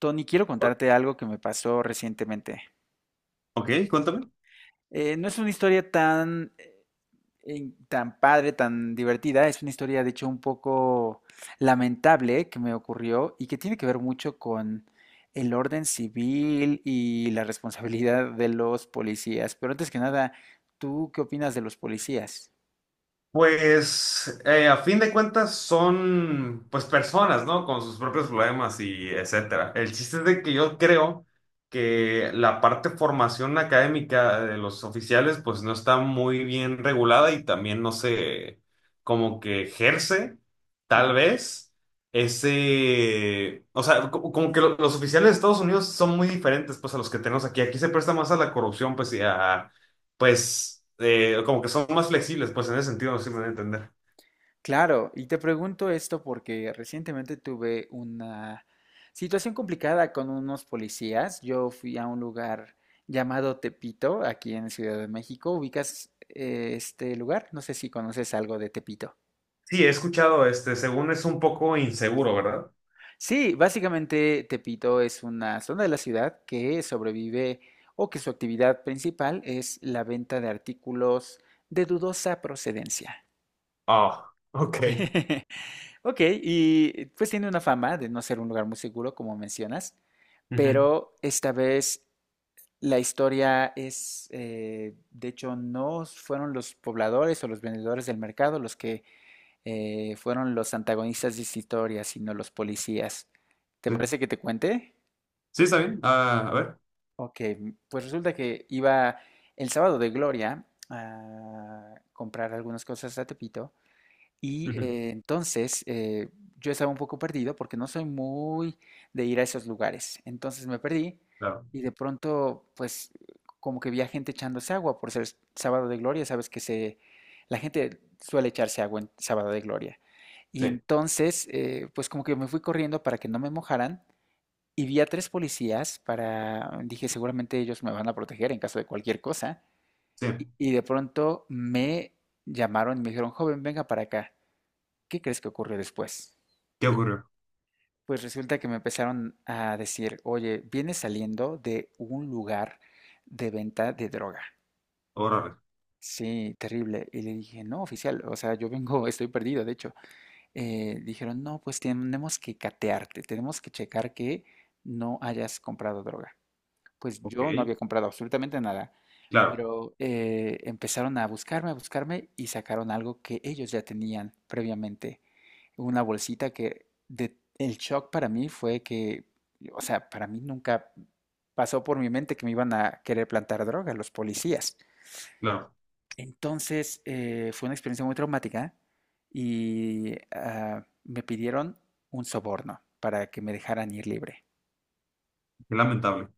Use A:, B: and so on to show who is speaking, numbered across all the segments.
A: Tony, quiero contarte algo que me pasó recientemente.
B: Ok, cuéntame.
A: No es una historia tan, tan padre, tan divertida, es una historia de hecho un poco lamentable que me ocurrió y que tiene que ver mucho con el orden civil y la responsabilidad de los policías. Pero antes que nada, ¿tú qué opinas de los policías?
B: Pues a fin de cuentas son pues personas, ¿no? Con sus propios problemas y etcétera. El chiste es de que yo creo que la parte formación académica de los oficiales pues no está muy bien regulada y también no se como que ejerce tal vez ese, o sea, como que los oficiales de Estados Unidos son muy diferentes pues a los que tenemos aquí. Aquí se presta más a la corrupción pues y a pues como que son más flexibles, pues en ese sentido no sé si me voy a entender.
A: Claro, y te pregunto esto porque recientemente tuve una situación complicada con unos policías. Yo fui a un lugar llamado Tepito, aquí en Ciudad de México. ¿Ubicas este lugar? No sé si conoces algo de Tepito.
B: Sí, he escuchado, este, según es un poco inseguro, ¿verdad?
A: Sí, básicamente Tepito es una zona de la ciudad que sobrevive o que su actividad principal es la venta de artículos de dudosa procedencia.
B: Ah, ok.
A: Ok, y pues tiene una fama de no ser un lugar muy seguro, como mencionas,
B: Ujú.
A: pero esta vez la historia es, de hecho, no fueron los pobladores o los vendedores del mercado los que fueron los antagonistas de esta historia, sino los policías. ¿Te
B: Sí.
A: parece que te cuente?
B: Sí, está bien. Ah, a ver.
A: Ok, pues resulta que iba el sábado de Gloria a comprar algunas cosas a Tepito. Y
B: Ujú.
A: entonces yo estaba un poco perdido porque no soy muy de ir a esos lugares. Entonces me perdí
B: Claro.
A: y de pronto, pues, como que vi a gente echándose agua por ser sábado de gloria. Sabes que se, la gente suele echarse agua en sábado de gloria. Y
B: Sí,
A: entonces, pues, como que me fui corriendo para que no me mojaran y vi a 3 policías para, dije, seguramente ellos me van a proteger en caso de cualquier cosa.
B: sí.
A: Y, de pronto me llamaron y me dijeron, joven, venga para acá. ¿Qué crees que ocurrió después?
B: ¿Qué ocurrió?
A: Pues resulta que me empezaron a decir, oye, vienes saliendo de un lugar de venta de droga.
B: Órale.
A: Sí, terrible. Y le dije, no, oficial, o sea, yo vengo, estoy perdido, de hecho. Dijeron, no, pues tenemos que catearte, tenemos que checar que no hayas comprado droga. Pues
B: Ok.
A: yo no había comprado absolutamente nada,
B: Claro,
A: pero empezaron a buscarme y sacaron algo que ellos ya tenían previamente. Una bolsita que el shock para mí fue que, o sea, para mí nunca pasó por mi mente que me iban a querer plantar droga los policías.
B: claro.
A: Entonces, fue una experiencia muy traumática y me pidieron un soborno para que me dejaran ir libre.
B: Qué lamentable.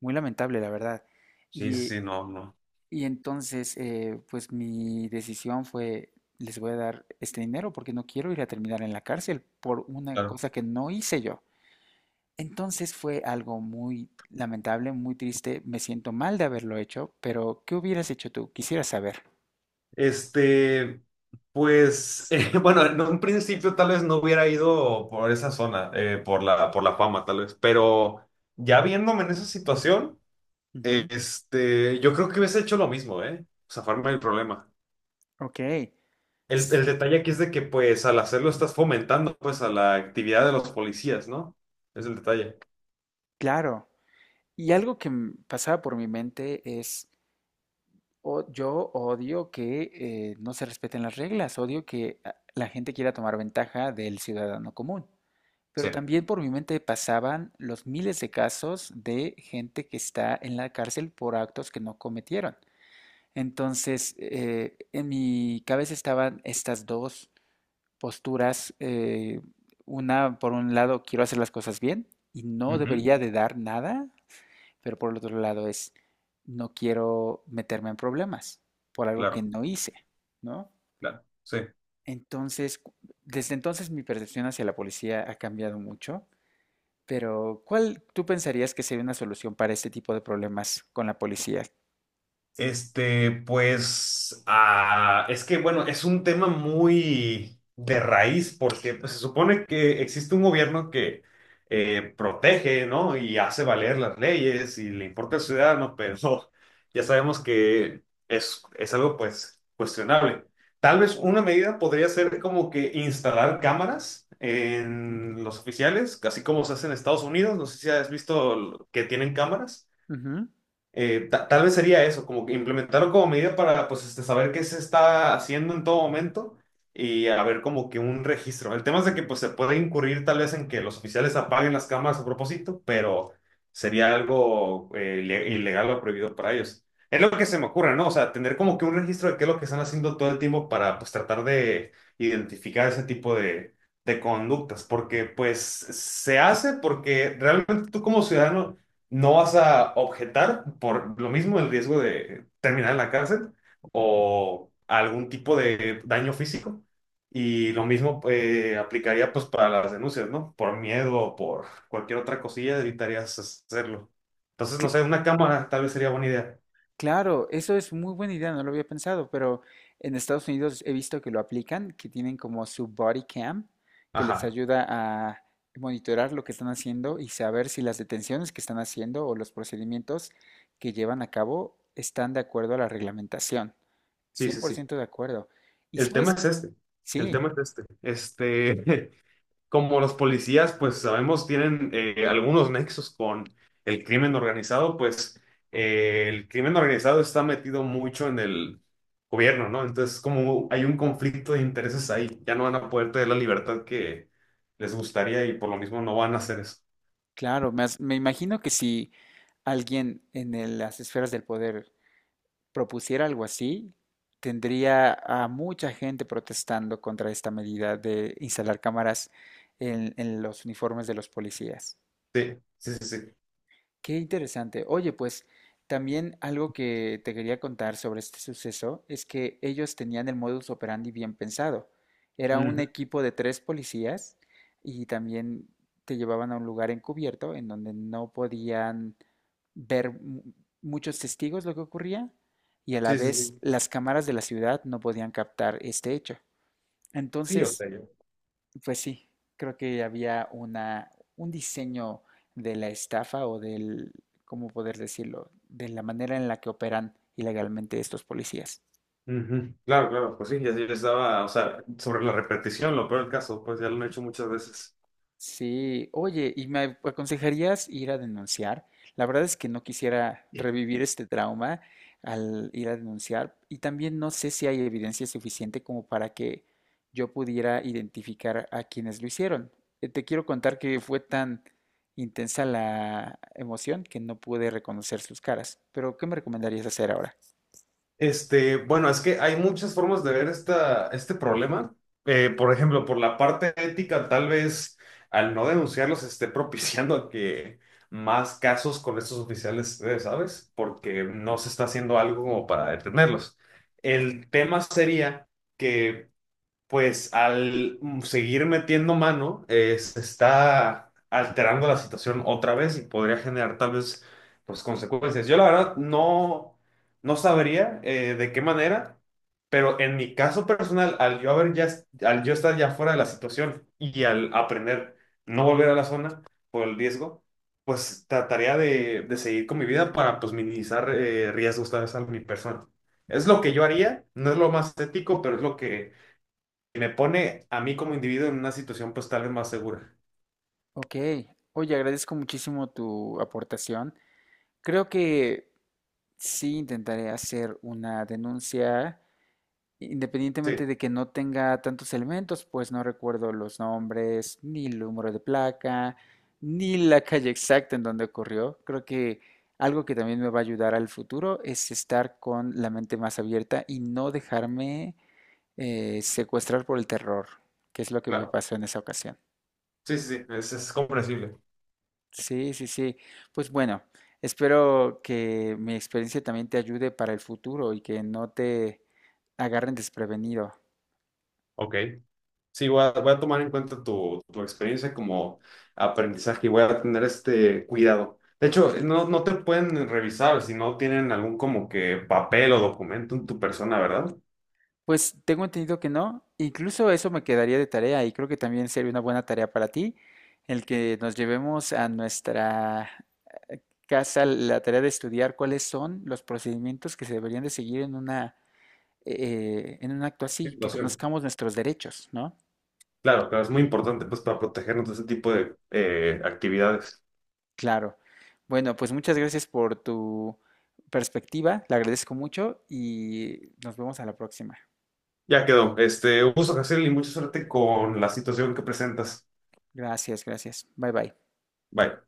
A: Muy lamentable, la verdad.
B: Sí, sí,
A: Y,
B: sí, no, no,
A: entonces, pues mi decisión fue, les voy a dar este dinero porque no quiero ir a terminar en la cárcel por una
B: claro.
A: cosa que no hice yo. Entonces fue algo muy lamentable, muy triste. Me siento mal de haberlo hecho, pero ¿qué hubieras hecho tú? Quisiera saber.
B: Este, pues, bueno, en un principio tal vez no hubiera ido por esa zona, por la fama, tal vez, pero ya viéndome en esa situación.
A: Ujú.
B: Este, yo creo que hubiese hecho lo mismo, ¿eh? Zafarme del problema.
A: Ok, s-
B: El detalle aquí es de que, pues, al hacerlo estás fomentando, pues, a la actividad de los policías, ¿no? Es el detalle.
A: claro. Y algo que pasaba por mi mente es, yo odio que no se respeten las reglas, odio que la gente quiera tomar ventaja del ciudadano común.
B: Sí,
A: Pero también por mi mente pasaban los miles de casos de gente que está en la cárcel por actos que no cometieron. Entonces, en mi cabeza estaban estas dos posturas. Una, por un lado, quiero hacer las cosas bien y no
B: ujú.
A: debería de dar nada, pero por el otro lado es, no quiero meterme en problemas por algo que
B: Claro,
A: no hice, ¿no?
B: claro, sí.
A: Entonces, desde entonces mi percepción hacia la policía ha cambiado mucho, pero ¿cuál tú pensarías que sería una solución para este tipo de problemas con la policía?
B: Este, pues, ah, es que, bueno, es un tema muy de raíz porque pues, se supone que existe un gobierno que protege, ¿no? Y hace valer las leyes y le importa al ciudadano, pero ya sabemos que es algo, pues, cuestionable. Tal vez una medida podría ser como que instalar cámaras
A: Ujú.
B: en los oficiales, así como se hace en Estados Unidos. No sé si has visto que tienen cámaras.
A: Ujú.
B: Tal vez sería eso, como que implementarlo como medida para pues este, saber qué se está haciendo en todo momento y haber como que un registro. El tema es de que pues se puede incurrir tal vez en que los oficiales apaguen las cámaras a propósito, pero sería algo ilegal o prohibido para ellos. Es lo que se me ocurre, ¿no? O sea, tener como que un registro de qué es lo que están haciendo todo el tiempo para pues tratar de identificar ese tipo de conductas, porque pues se hace porque realmente tú como ciudadano no vas a objetar por lo mismo el riesgo de terminar en la cárcel o algún tipo de daño físico. Y lo mismo aplicaría pues para las denuncias, ¿no? Por miedo o por cualquier otra cosilla evitarías hacerlo. Entonces, no sé, una cámara tal vez sería buena idea.
A: Claro, eso es muy buena idea, no lo había pensado, pero en Estados Unidos he visto que lo aplican, que tienen como su body cam, que les
B: Ajá,
A: ayuda a monitorar lo que están haciendo y saber si las detenciones que están haciendo o los procedimientos que llevan a cabo están de acuerdo a la reglamentación.
B: sí,
A: cien
B: sí,
A: por
B: sí.
A: ciento de acuerdo. Y
B: El tema
A: sabes,
B: es este. El
A: sí,
B: tema es este. Este, como los policías, pues sabemos, tienen algunos nexos con el crimen organizado, pues el crimen organizado está metido mucho en el gobierno, ¿no? Entonces, como hay un conflicto de intereses ahí, ya no van a poder tener la libertad que les gustaría y por lo mismo no van a hacer eso.
A: claro, me, me imagino que si alguien en las esferas del poder propusiera algo así, tendría a mucha gente protestando contra esta medida de instalar cámaras en, los uniformes de los policías.
B: Sí, sí, sí, sí.
A: Qué interesante. Oye, pues también algo que te quería contar sobre este suceso es que ellos tenían el modus operandi bien pensado. Era un
B: Ujú.
A: equipo de 3 policías y también te llevaban a un lugar encubierto en donde no podían ver muchos testigos lo que ocurría y a la
B: Sí, sí,
A: vez
B: sí.
A: las cámaras de la ciudad no podían captar este hecho.
B: Sí, o
A: Entonces,
B: sea, yo.
A: pues sí, creo que había una, un diseño de la estafa o del, ¿cómo poder decirlo? De la manera en la que operan ilegalmente estos policías.
B: Ujú. Claro, claro, pues sí, ya yo estaba, o sea, sobre la repetición, lo peor del caso, pues ya lo han hecho muchas veces.
A: Sí, oye, ¿y me aconsejarías ir a denunciar? La verdad es que no quisiera revivir este trauma al ir a denunciar y también no sé si hay evidencia suficiente como para que yo pudiera identificar a quienes lo hicieron. Te quiero contar que fue tan intensa la emoción que no pude reconocer sus caras, pero ¿qué me recomendarías hacer ahora?
B: Este, bueno, es que hay muchas formas de ver esta, este problema. Por ejemplo, por la parte ética, tal vez al no denunciarlos esté propiciando a que más casos con estos oficiales, ¿sabes? Porque no se está haciendo algo como para detenerlos. El tema sería que pues al seguir metiendo mano, se está alterando la situación otra vez y podría generar tal vez pues, consecuencias. Yo la verdad no, no sabría de qué manera, pero en mi caso personal, al yo haber ya, al yo estar ya fuera de la situación y al aprender no volver a la zona por el riesgo, pues trataría de seguir con mi vida para pues minimizar riesgos tal vez a mi persona. Es lo que yo haría, no es lo más ético, pero es lo que y me pone a mí como individuo en una situación pues tal vez más segura.
A: Ok, oye, agradezco muchísimo tu aportación. Creo que sí intentaré hacer una denuncia independientemente
B: Sí,
A: de que no tenga tantos elementos, pues no recuerdo los nombres, ni el número de placa, ni la calle exacta en donde ocurrió. Creo que algo que también me va a ayudar al futuro es estar con la mente más abierta y no dejarme secuestrar por el terror, que es lo que me
B: claro.
A: pasó en esa ocasión.
B: Sí, sí, sí, es comprensible.
A: Sí, sí, sí. Pues bueno, espero que mi experiencia también te ayude para el futuro y que no te agarren desprevenido.
B: Ok. Sí, voy a, voy a tomar en cuenta tu, tu experiencia como aprendizaje y voy a tener este cuidado. De hecho, no, no te pueden revisar si no tienen algún como que papel o documento en tu persona, ¿verdad?
A: Pues tengo entendido que no. Incluso eso me quedaría de tarea y creo que también sería una buena tarea para ti el que nos llevemos a nuestra eh, casa la tarea de estudiar cuáles son los procedimientos que se deberían de seguir en una en un acto así, que
B: Situación.
A: conozcamos nuestros derechos, ¿no?
B: Claro, claro, es muy importante pues para protegernos de ese tipo de actividades.
A: Claro. Bueno, pues muchas gracias por tu perspectiva, la agradezco mucho y nos vemos a la próxima.
B: Ya quedó. Este, un gusto, hacer y mucha suerte con la situación que presentas.
A: Gracias, gracias. Bye bye.
B: Bye.